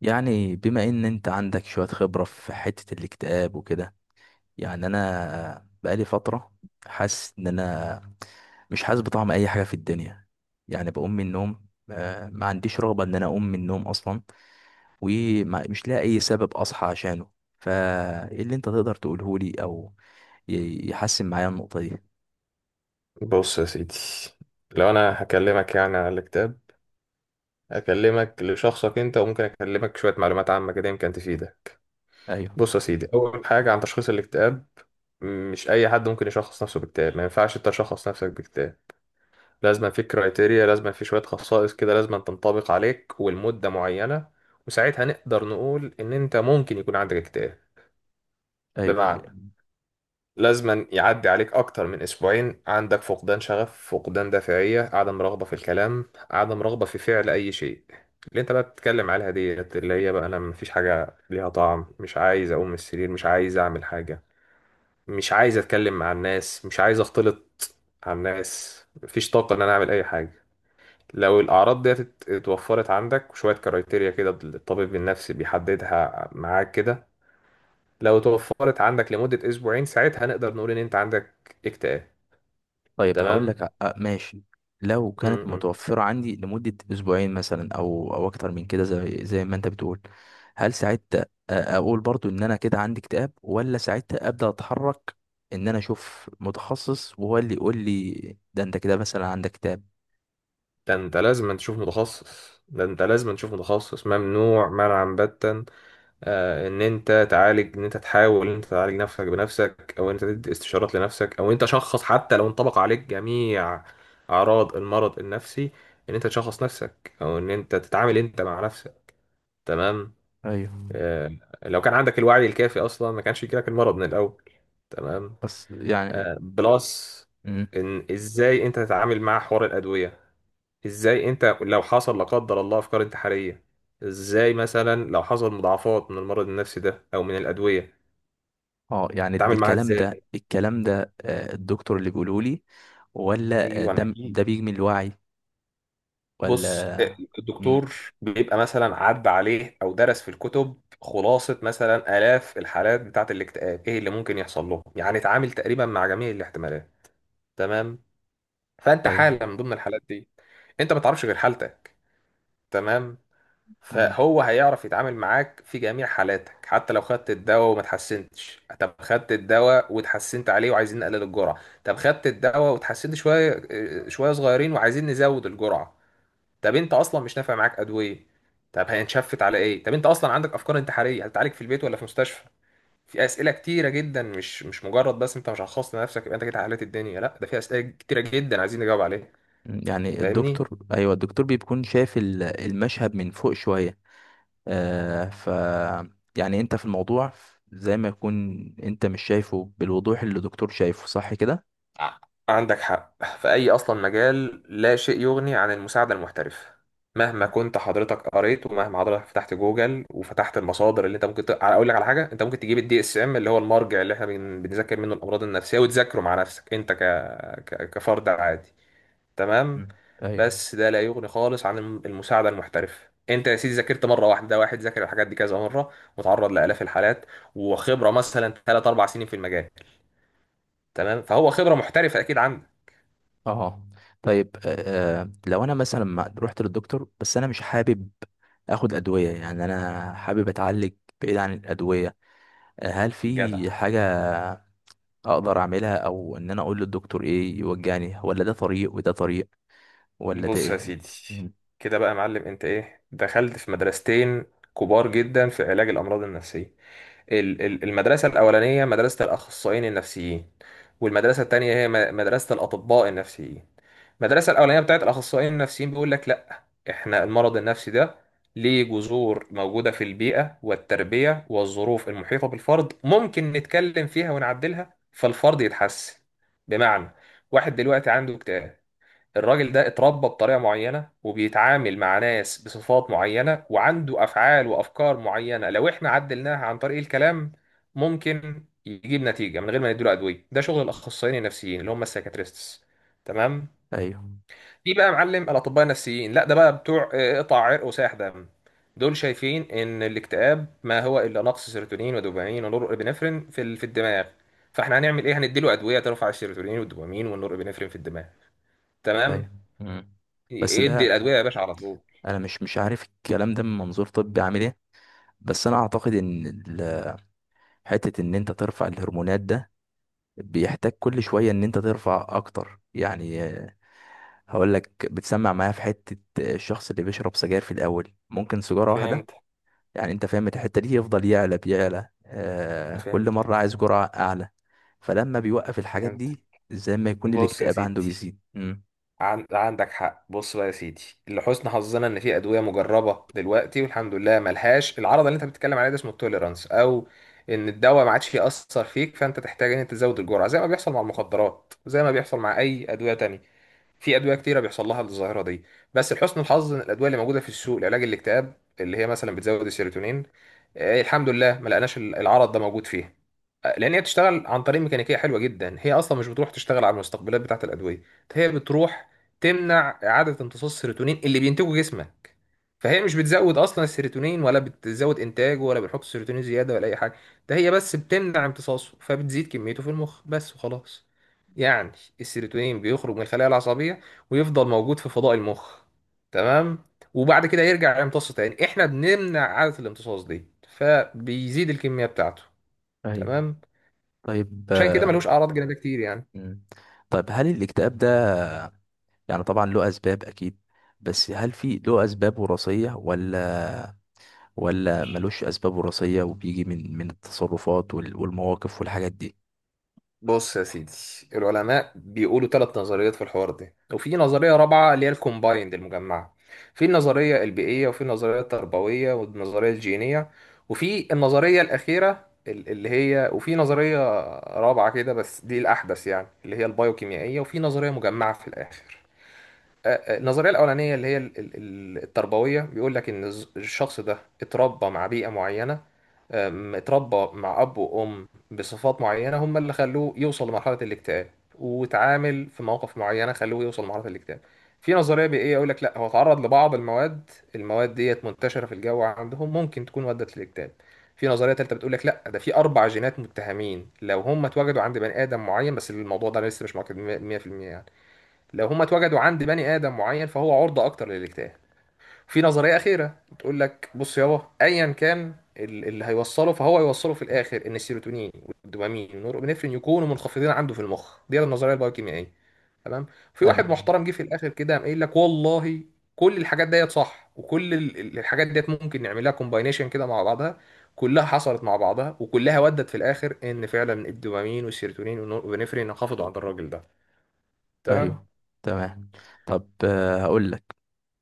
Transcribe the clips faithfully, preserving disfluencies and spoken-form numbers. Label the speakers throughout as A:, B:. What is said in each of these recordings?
A: يعني بما ان انت عندك شوية خبرة في حتة الاكتئاب وكده. يعني انا بقالي فترة حاسس ان انا مش حاسس بطعم اي حاجة في الدنيا. يعني بقوم من النوم، آه، ما عنديش رغبة ان انا اقوم من النوم اصلا، ومش لاقي اي سبب اصحى عشانه. فايه اللي انت تقدر تقوله لي او ي- يحسن معايا النقطة دي؟
B: بص يا سيدي، لو انا هكلمك يعني على الكتاب هكلمك لشخصك انت، وممكن اكلمك شويه معلومات عامه كده يمكن تفيدك.
A: ايوه.
B: بص يا سيدي، اول حاجه عن تشخيص الاكتئاب، مش اي حد ممكن يشخص نفسه باكتئاب، ما ينفعش انت تشخص نفسك باكتئاب. لازم في كرايتيريا، لازم في شويه خصائص كده لازم تنطبق عليك ولمده معينه، وساعتها نقدر نقول ان انت ممكن يكون عندك اكتئاب.
A: ايوه.
B: بمعنى لازما يعدي عليك أكتر من أسبوعين، عندك فقدان شغف، فقدان دافعية، عدم رغبة في الكلام، عدم رغبة في فعل أي شيء. اللي أنت بقى بتتكلم عليها دي اللي هي بقى أنا مفيش حاجة ليها طعم، مش عايز أقوم من السرير، مش عايز أعمل حاجة، مش عايز أتكلم مع الناس، مش عايز أختلط مع الناس، مفيش طاقة إن أنا أعمل أي حاجة. لو الأعراض دي ات- اتوفرت عندك وشوية كرايتيريا كده الطبيب النفسي بيحددها معاك كده، لو توفرت عندك لمدة أسبوعين، ساعتها نقدر نقول إن أنت عندك اكتئاب.
A: طيب هقول
B: تمام.
A: لك، آه، آه، ماشي. لو كانت
B: امم
A: متوفرة عندي لمدة أسبوعين مثلا أو أو أكتر من كده، زي زي ما أنت بتقول، هل ساعتها، آه، أقول برضو إن أنا كده عندي اكتئاب، ولا ساعتها أبدأ أتحرك إن أنا أشوف متخصص وهو اللي يقول لي ده أنت كده مثلا عندك اكتئاب؟
B: ده انت لازم تشوف متخصص، ده انت لازم تشوف متخصص، ممنوع منعا باتا آه ان انت تعالج، ان انت تحاول ان انت تعالج نفسك بنفسك، او ان انت تدي استشارات لنفسك، او انت شخص حتى لو انطبق عليك جميع اعراض المرض النفسي ان انت تشخص نفسك او ان انت تتعامل انت مع نفسك. تمام.
A: أيوه.
B: آه، لو كان عندك الوعي الكافي اصلا ما كانش يجيلك المرض من الاول. تمام.
A: بس يعني.
B: آه بلس
A: مم.
B: ان ازاي انت تتعامل مع حوار الادويه، ازاي انت لو حصل لا قدر الله افكار انتحاريه، ازاي مثلا لو حصل مضاعفات من المرض النفسي ده او من الادويه
A: اه، يعني د-
B: تتعامل معاها
A: الكلام ده
B: ازاي.
A: الكلام ده آه، الدكتور اللي بيقوله لي، ولا آه،
B: ايوه
A: ده ده
B: اكيد.
A: بيجي من الوعي،
B: بص،
A: ولا؟ مم.
B: الدكتور بيبقى مثلا عدى عليه او درس في الكتب خلاصه مثلا الاف الحالات بتاعه الاكتئاب ايه اللي ممكن يحصل لهم، يعني اتعامل تقريبا مع جميع الاحتمالات. تمام. فانت حاله من ضمن الحالات دي، انت ما تعرفش غير حالتك. تمام.
A: ايوه.
B: فهو هيعرف يتعامل معاك في جميع حالاتك، حتى لو خدت الدواء وما اتحسنتش، طب خدت الدواء واتحسنت عليه وعايزين نقلل الجرعة، طب خدت الدواء واتحسنت شوية، آه، شوية صغيرين وعايزين نزود الجرعة، طب انت اصلا مش نافع معاك ادوية، طب هنشفت على ايه، طب انت اصلا عندك افكار انتحارية هتتعالج في البيت ولا في مستشفى؟ في اسئلة كتيرة جدا، مش مش مجرد بس انت مش هتخصص لنفسك يبقى انت كده حليت الدنيا، لا ده في اسئلة كتيرة جدا عايزين نجاوب عليها.
A: يعني
B: فاهمني؟
A: الدكتور، ايوه، الدكتور بيكون شايف ال- المشهد من فوق شويه. آه ف يعني انت في الموضوع زي ما يكون انت مش شايفه بالوضوح اللي الدكتور شايفه، صح كده؟
B: ع- عندك حق في أي أصلا مجال، لا شيء يغني عن المساعدة المحترفة. مهما كنت حضرتك قريت ومهما حضرتك فتحت جوجل وفتحت المصادر اللي انت ممكن ت... اقول لك على حاجه، انت ممكن تجيب الدي اس ام اللي هو المرجع اللي احنا بن... بنذاكر منه الامراض النفسيه وتذاكره مع نفسك انت ك... ك... كفرد عادي. تمام.
A: مم. ايوه.
B: بس ده لا يغني خالص عن الم- المساعده المحترفه، انت يا سيدي ذاكرت مره واحده، واحد ذاكر الحاجات دي كذا مره وتعرض لالاف الحالات وخبره مثلا ثلاث اربعة سنين في المجال. تمام، فهو خبره محترفه اكيد عنده.
A: اه. طيب، آه آه، لو انا مثلا ما رحت للدكتور، بس انا مش حابب اخد ادويه، يعني انا حابب اتعالج بعيد عن الادويه. آه، هل
B: جدع.
A: في حاجه اقدر اعملها، او ان انا اقول للدكتور ايه يوجهني، ولا ده طريق وده طريق، ولا ده
B: بص يا
A: ايه؟
B: سيدي، كده بقى يا معلم انت ايه، دخلت في مدرستين كبار جدا في علاج الامراض النفسيه. ال- ال- المدرسه الاولانيه مدرسه الاخصائيين النفسيين، والمدرسه التانية هي م- مدرسه الاطباء النفسيين. المدرسه الاولانيه بتاعت الاخصائيين النفسيين بيقول لك لا، احنا المرض النفسي ده ليه جذور موجوده في البيئه والتربيه والظروف المحيطه بالفرد، ممكن نتكلم فيها ونعدلها فالفرد يتحسن. بمعنى، واحد دلوقتي عنده اكتئاب، الراجل ده اتربى بطريقة معينة وبيتعامل مع ناس بصفات معينة وعنده أفعال وأفكار معينة، لو إحنا عدلناها عن طريق الكلام ممكن يجيب نتيجة من غير ما نديله أدوية. ده شغل الأخصائيين النفسيين اللي هم السايكاتريستس. تمام.
A: ايوه.
B: في بقى معلم الأطباء النفسيين، لا ده بقى بتوع آه، قطع عرق وساح دم. دول شايفين إن الاكتئاب ما هو إلا نقص سيروتونين ودوبامين ونورابينفرين في ال- في الدماغ. فإحنا هنعمل إيه؟ هنديله أدوية ترفع السيروتونين والدوبامين والنورابينفرين في الدماغ. تمام.
A: ايوه. مم. بس
B: يدي
A: ده،
B: الادويه يا باشا على طول.
A: انا مش مش عارف الكلام ده من منظور طبي عامل ايه، بس انا اعتقد ان ال- حته ان انت ترفع الهرمونات ده بيحتاج كل شويه ان انت ترفع اكتر، يعني آه، هقول لك، بتسمع معايا في حته. آه، الشخص اللي بيشرب سجاير في الاول ممكن سيجاره واحده،
B: فهمت.
A: يعني انت فاهم الحته دي، يفضل يعلى بيعلى آه كل
B: فهمت.
A: مره عايز جرعه اعلى، فلما بيوقف الحاجات
B: فهمت.
A: دي زي ما يكون
B: بص يا
A: الاكتئاب عنده
B: سيدي،
A: بيزيد. مم.
B: عن... عندك حق. بص بقى يا سيدي، لحسن حظنا ان في ادويه مجربه دلوقتي والحمد لله ملهاش العرض اللي انت بتتكلم عليه ده، اسمه التوليرانس، او ان الدواء ما عادش ياثر فيك فانت تحتاج ان انت تزود الجرعه زي ما بيحصل مع المخدرات، زي ما بيحصل مع اي ادويه تانية. في ادويه كتيره بيحصل لها الظاهره دي، بس لحسن الحظ ان الادويه اللي موجوده في السوق لعلاج الاكتئاب اللي هي مثلا بتزود السيروتونين، آه، الحمد لله ما لقناش العرض ده موجود فيها. لان هي بتشتغل عن طريق ميكانيكيه حلوه جدا، هي اصلا مش بتروح تشتغل على المستقبلات بتاعه الادويه، هي بتروح تمنع اعاده امتصاص السيروتونين اللي بينتجه جسمك. فهي مش بتزود اصلا السيروتونين، ولا بتزود انتاجه، ولا بتحط السيروتونين زياده، ولا اي حاجه، ده هي بس بتمنع امتصاصه فبتزيد كميته في المخ بس وخلاص. يعني السيروتونين بيخرج من الخلايا العصبيه ويفضل موجود في فضاء المخ، تمام، وبعد كده يرجع يمتص تاني، احنا بنمنع عاده الامتصاص دي فبيزيد الكميه بتاعته.
A: ايوه.
B: تمام.
A: طيب.
B: عشان كده ملوش اعراض جانبيه كتير يعني.
A: مم. طيب هل الاكتئاب ده، يعني طبعا له اسباب اكيد، بس هل في له اسباب وراثيه، ولا ولا ملوش اسباب وراثيه وبيجي من من التصرفات وال- والمواقف والحاجات دي؟
B: بص يا سيدي، العلماء بيقولوا ثلاث نظريات في الحوار ده، وفي نظريه رابعه اللي هي الكومبايند المجمعه. في النظريه البيئيه، وفي النظريه التربويه، والنظريه الجينيه، وفي النظريه الاخيره ال- اللي هي وفي نظريه رابعه كده بس دي الاحدث يعني اللي هي البايوكيميائيه، وفي نظريه مجمعه في الاخر. آه، آه، النظريه الاولانيه اللي هي ال- ال- ال- التربويه، بيقول لك ان الز- الشخص ده اتربى مع بيئه معينه، أم، اتربى مع اب وام بصفات معينه هم اللي خلوه يوصل لمرحله الاكتئاب، واتعامل في مواقف معينه خلوه يوصل لمرحله الاكتئاب. في نظريه بيئيه يقول لك لا، هو اتعرض لبعض المواد، المواد ديت منتشره في الجو عندهم ممكن تكون ودت للاكتئاب. في نظريه ثالثه بتقول لك لا، ده في اربع جينات متهمين لو هم اتوجدوا عند بني ادم معين، بس الموضوع ده لسه مش مؤكد مية في المية يعني. لو هم اتوجدوا عند بني آدم معين فهو عرضة أكتر للاجتهاد. في نظرية أخيرة بتقول لك بص يابا، أيا كان ال- اللي هيوصله فهو هيوصله في الآخر إن السيروتونين والدوبامين والنورابينفرين يكونوا منخفضين عنده في المخ، دي النظرية البايوكيميائية. تمام. في واحد محترم جه في الآخر كده قام قايل لك والله كل الحاجات ديت صح وكل ال- ال- الحاجات ديت ممكن نعملها كومباينيشن كده مع بعضها، كلها حصلت مع بعضها وكلها ودت في الآخر إن فعلا الدوبامين والسيروتونين والنورابينفرين انخفضوا عند الراجل ده. تمام.
A: ايوه. تمام. طب، آه، هقول لك،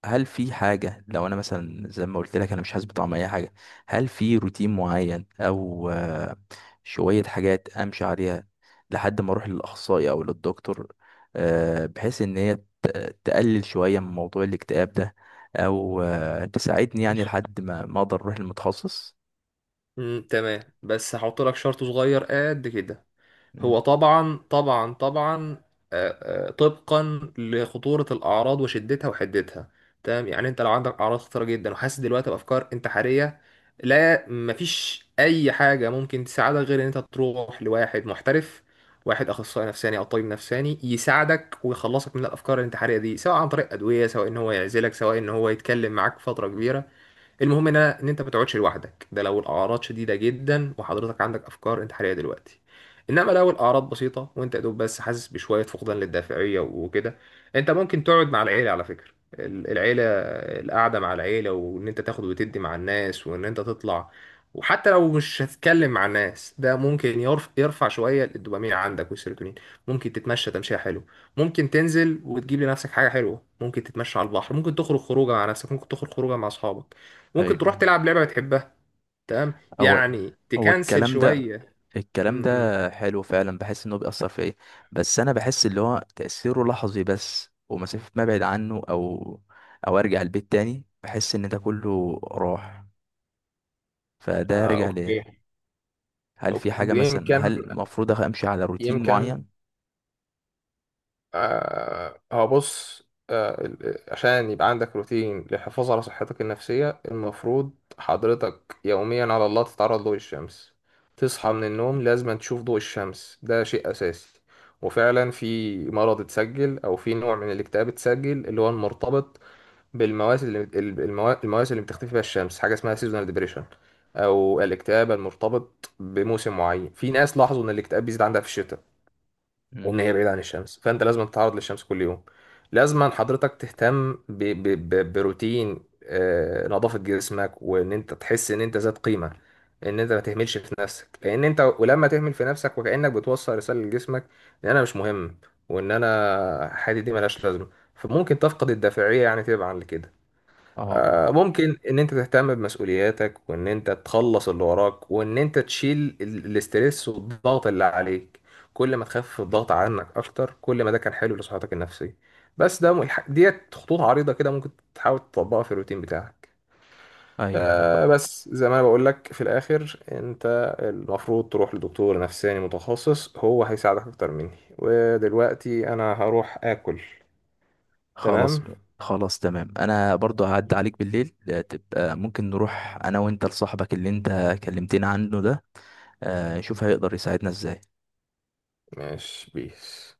A: هل في حاجة لو انا مثلا زي ما قلت لك انا مش حاسس بطعم اي حاجة، هل في روتين معين او آه، شوية حاجات امشي عليها لحد ما اروح للاخصائي او للدكتور، آه، بحيث ان هي ت- تقلل شوية من موضوع الاكتئاب ده، او آه، تساعدني يعني لحد ما ما اقدر اروح للمتخصص.
B: امم تمام، بس هحط لك شرط صغير قد كده.
A: مم.
B: هو طبعا طبعا طبعا آه، آه، طبقا لخطورة الأعراض وشدتها وحدتها. تمام، يعني أنت لو عندك أعراض خطيرة جدا وحاسس دلوقتي بأفكار انتحارية، لا مفيش أي حاجة ممكن تساعدك غير إن أنت تروح لواحد محترف، واحد أخصائي نفساني أو طبيب نفساني يساعدك ويخلصك من الأفكار الانتحارية دي، سواء عن طريق أدوية، سواء إن هو يعزلك، سواء إن هو يتكلم معاك فترة كبيرة. المهم ان أنا- ان انت ما تقعدش لوحدك، ده لو الاعراض شديده جدا وحضرتك عندك افكار انتحاريه دلوقتي. انما لو الاعراض بسيطه وانت يا دوب بس حاسس بشويه فقدان للدافعيه وكده، انت ممكن تقعد مع العيله. على فكره ال- العيله، القعده مع العيله، وان انت تاخد وتدي مع الناس، وان انت تطلع، وحتى لو مش هتتكلم مع الناس ده ممكن يرف- يرفع شويه الدوبامين عندك والسيروتونين. ممكن تتمشى تمشيه حلو، ممكن تنزل وتجيب لنفسك حاجه حلوه، ممكن تتمشى على البحر، ممكن تخرج خروجه مع نفسك، ممكن تخرج خروجه مع اصحابك، ممكن تروح
A: ايوه.
B: تلعب لعبة بتحبها. تمام،
A: هو
B: يعني
A: هو
B: تكنسل
A: الكلام ده
B: شوية.
A: الكلام
B: م -م.
A: ده حلو فعلا، بحس انه بيأثر فيا، بس انا بحس اللي هو تأثيره لحظي بس، ومسافة ما ابعد عنه او او ارجع البيت تاني بحس ان ده كله راح، فده
B: آه
A: رجع
B: أوكي.
A: ليه. هل في
B: أوكي.
A: حاجة مثلا،
B: يمكن.
A: هل المفروض أخ- امشي على روتين
B: يمكن
A: معين؟
B: آه، هو بص، آه ال- ال- عشان يبقى عندك روتين للحفاظ على صحتك النفسية، المفروض حضرتك يوميا على الله تتعرض لضوء الشمس، تصحى من النوم لازم تشوف ضوء الشمس، ده شيء أساسي. وفعلا في مرض اتسجل أو في نوع من الاكتئاب اتسجل اللي هو المرتبط بالمواسم، اللي ال- الموا- المواسم اللي بتختفي فيها الشمس، حاجه اسمها سيزونال ديبريشن او الاكتئاب المرتبط بموسم معين. في ناس لاحظوا ان الاكتئاب بيزيد عندها في الشتاء
A: مم.
B: وان هي بعيده عن الشمس، فانت لازم تتعرض للشمس كل يوم. لازم حضرتك تهتم ب... ب... ب... بروتين آه، نظافه جسمك وان انت تحس ان انت ذات قيمه، ان انت ما تهملش في نفسك، لان انت ولما تهمل في نفسك وكانك بتوصل رساله لجسمك ان انا مش مهم وان انا حياتي دي ملهاش لازمه، فممكن تفقد الدافعيه يعني تبعا لكده.
A: اه.
B: آه، ممكن ان انت تهتم بمسؤولياتك، وان انت تخلص اللي وراك، وان انت تشيل ال- الاسترس والضغط اللي عليك. كل ما تخفف الضغط عنك اكتر كل ما ده كان حلو لصحتك النفسية. بس ده م- الح- ديت خطوط عريضة كده ممكن تحاول تطبقها في الروتين بتاعك.
A: ايوه.
B: آه بس زي ما انا بقول لك في الاخر، انت المفروض تروح لدكتور نفساني متخصص، هو هيساعدك اكتر مني، ودلوقتي انا هروح اكل.
A: خلاص.
B: تمام.
A: خلاص تمام، انا برضو هعدي عليك بالليل، آه، تبقى ممكن نروح انا وانت لصاحبك اللي انت كلمتنا عنه ده، آه، نشوف هيقدر يساعدنا ازاي.
B: ماشي بيس.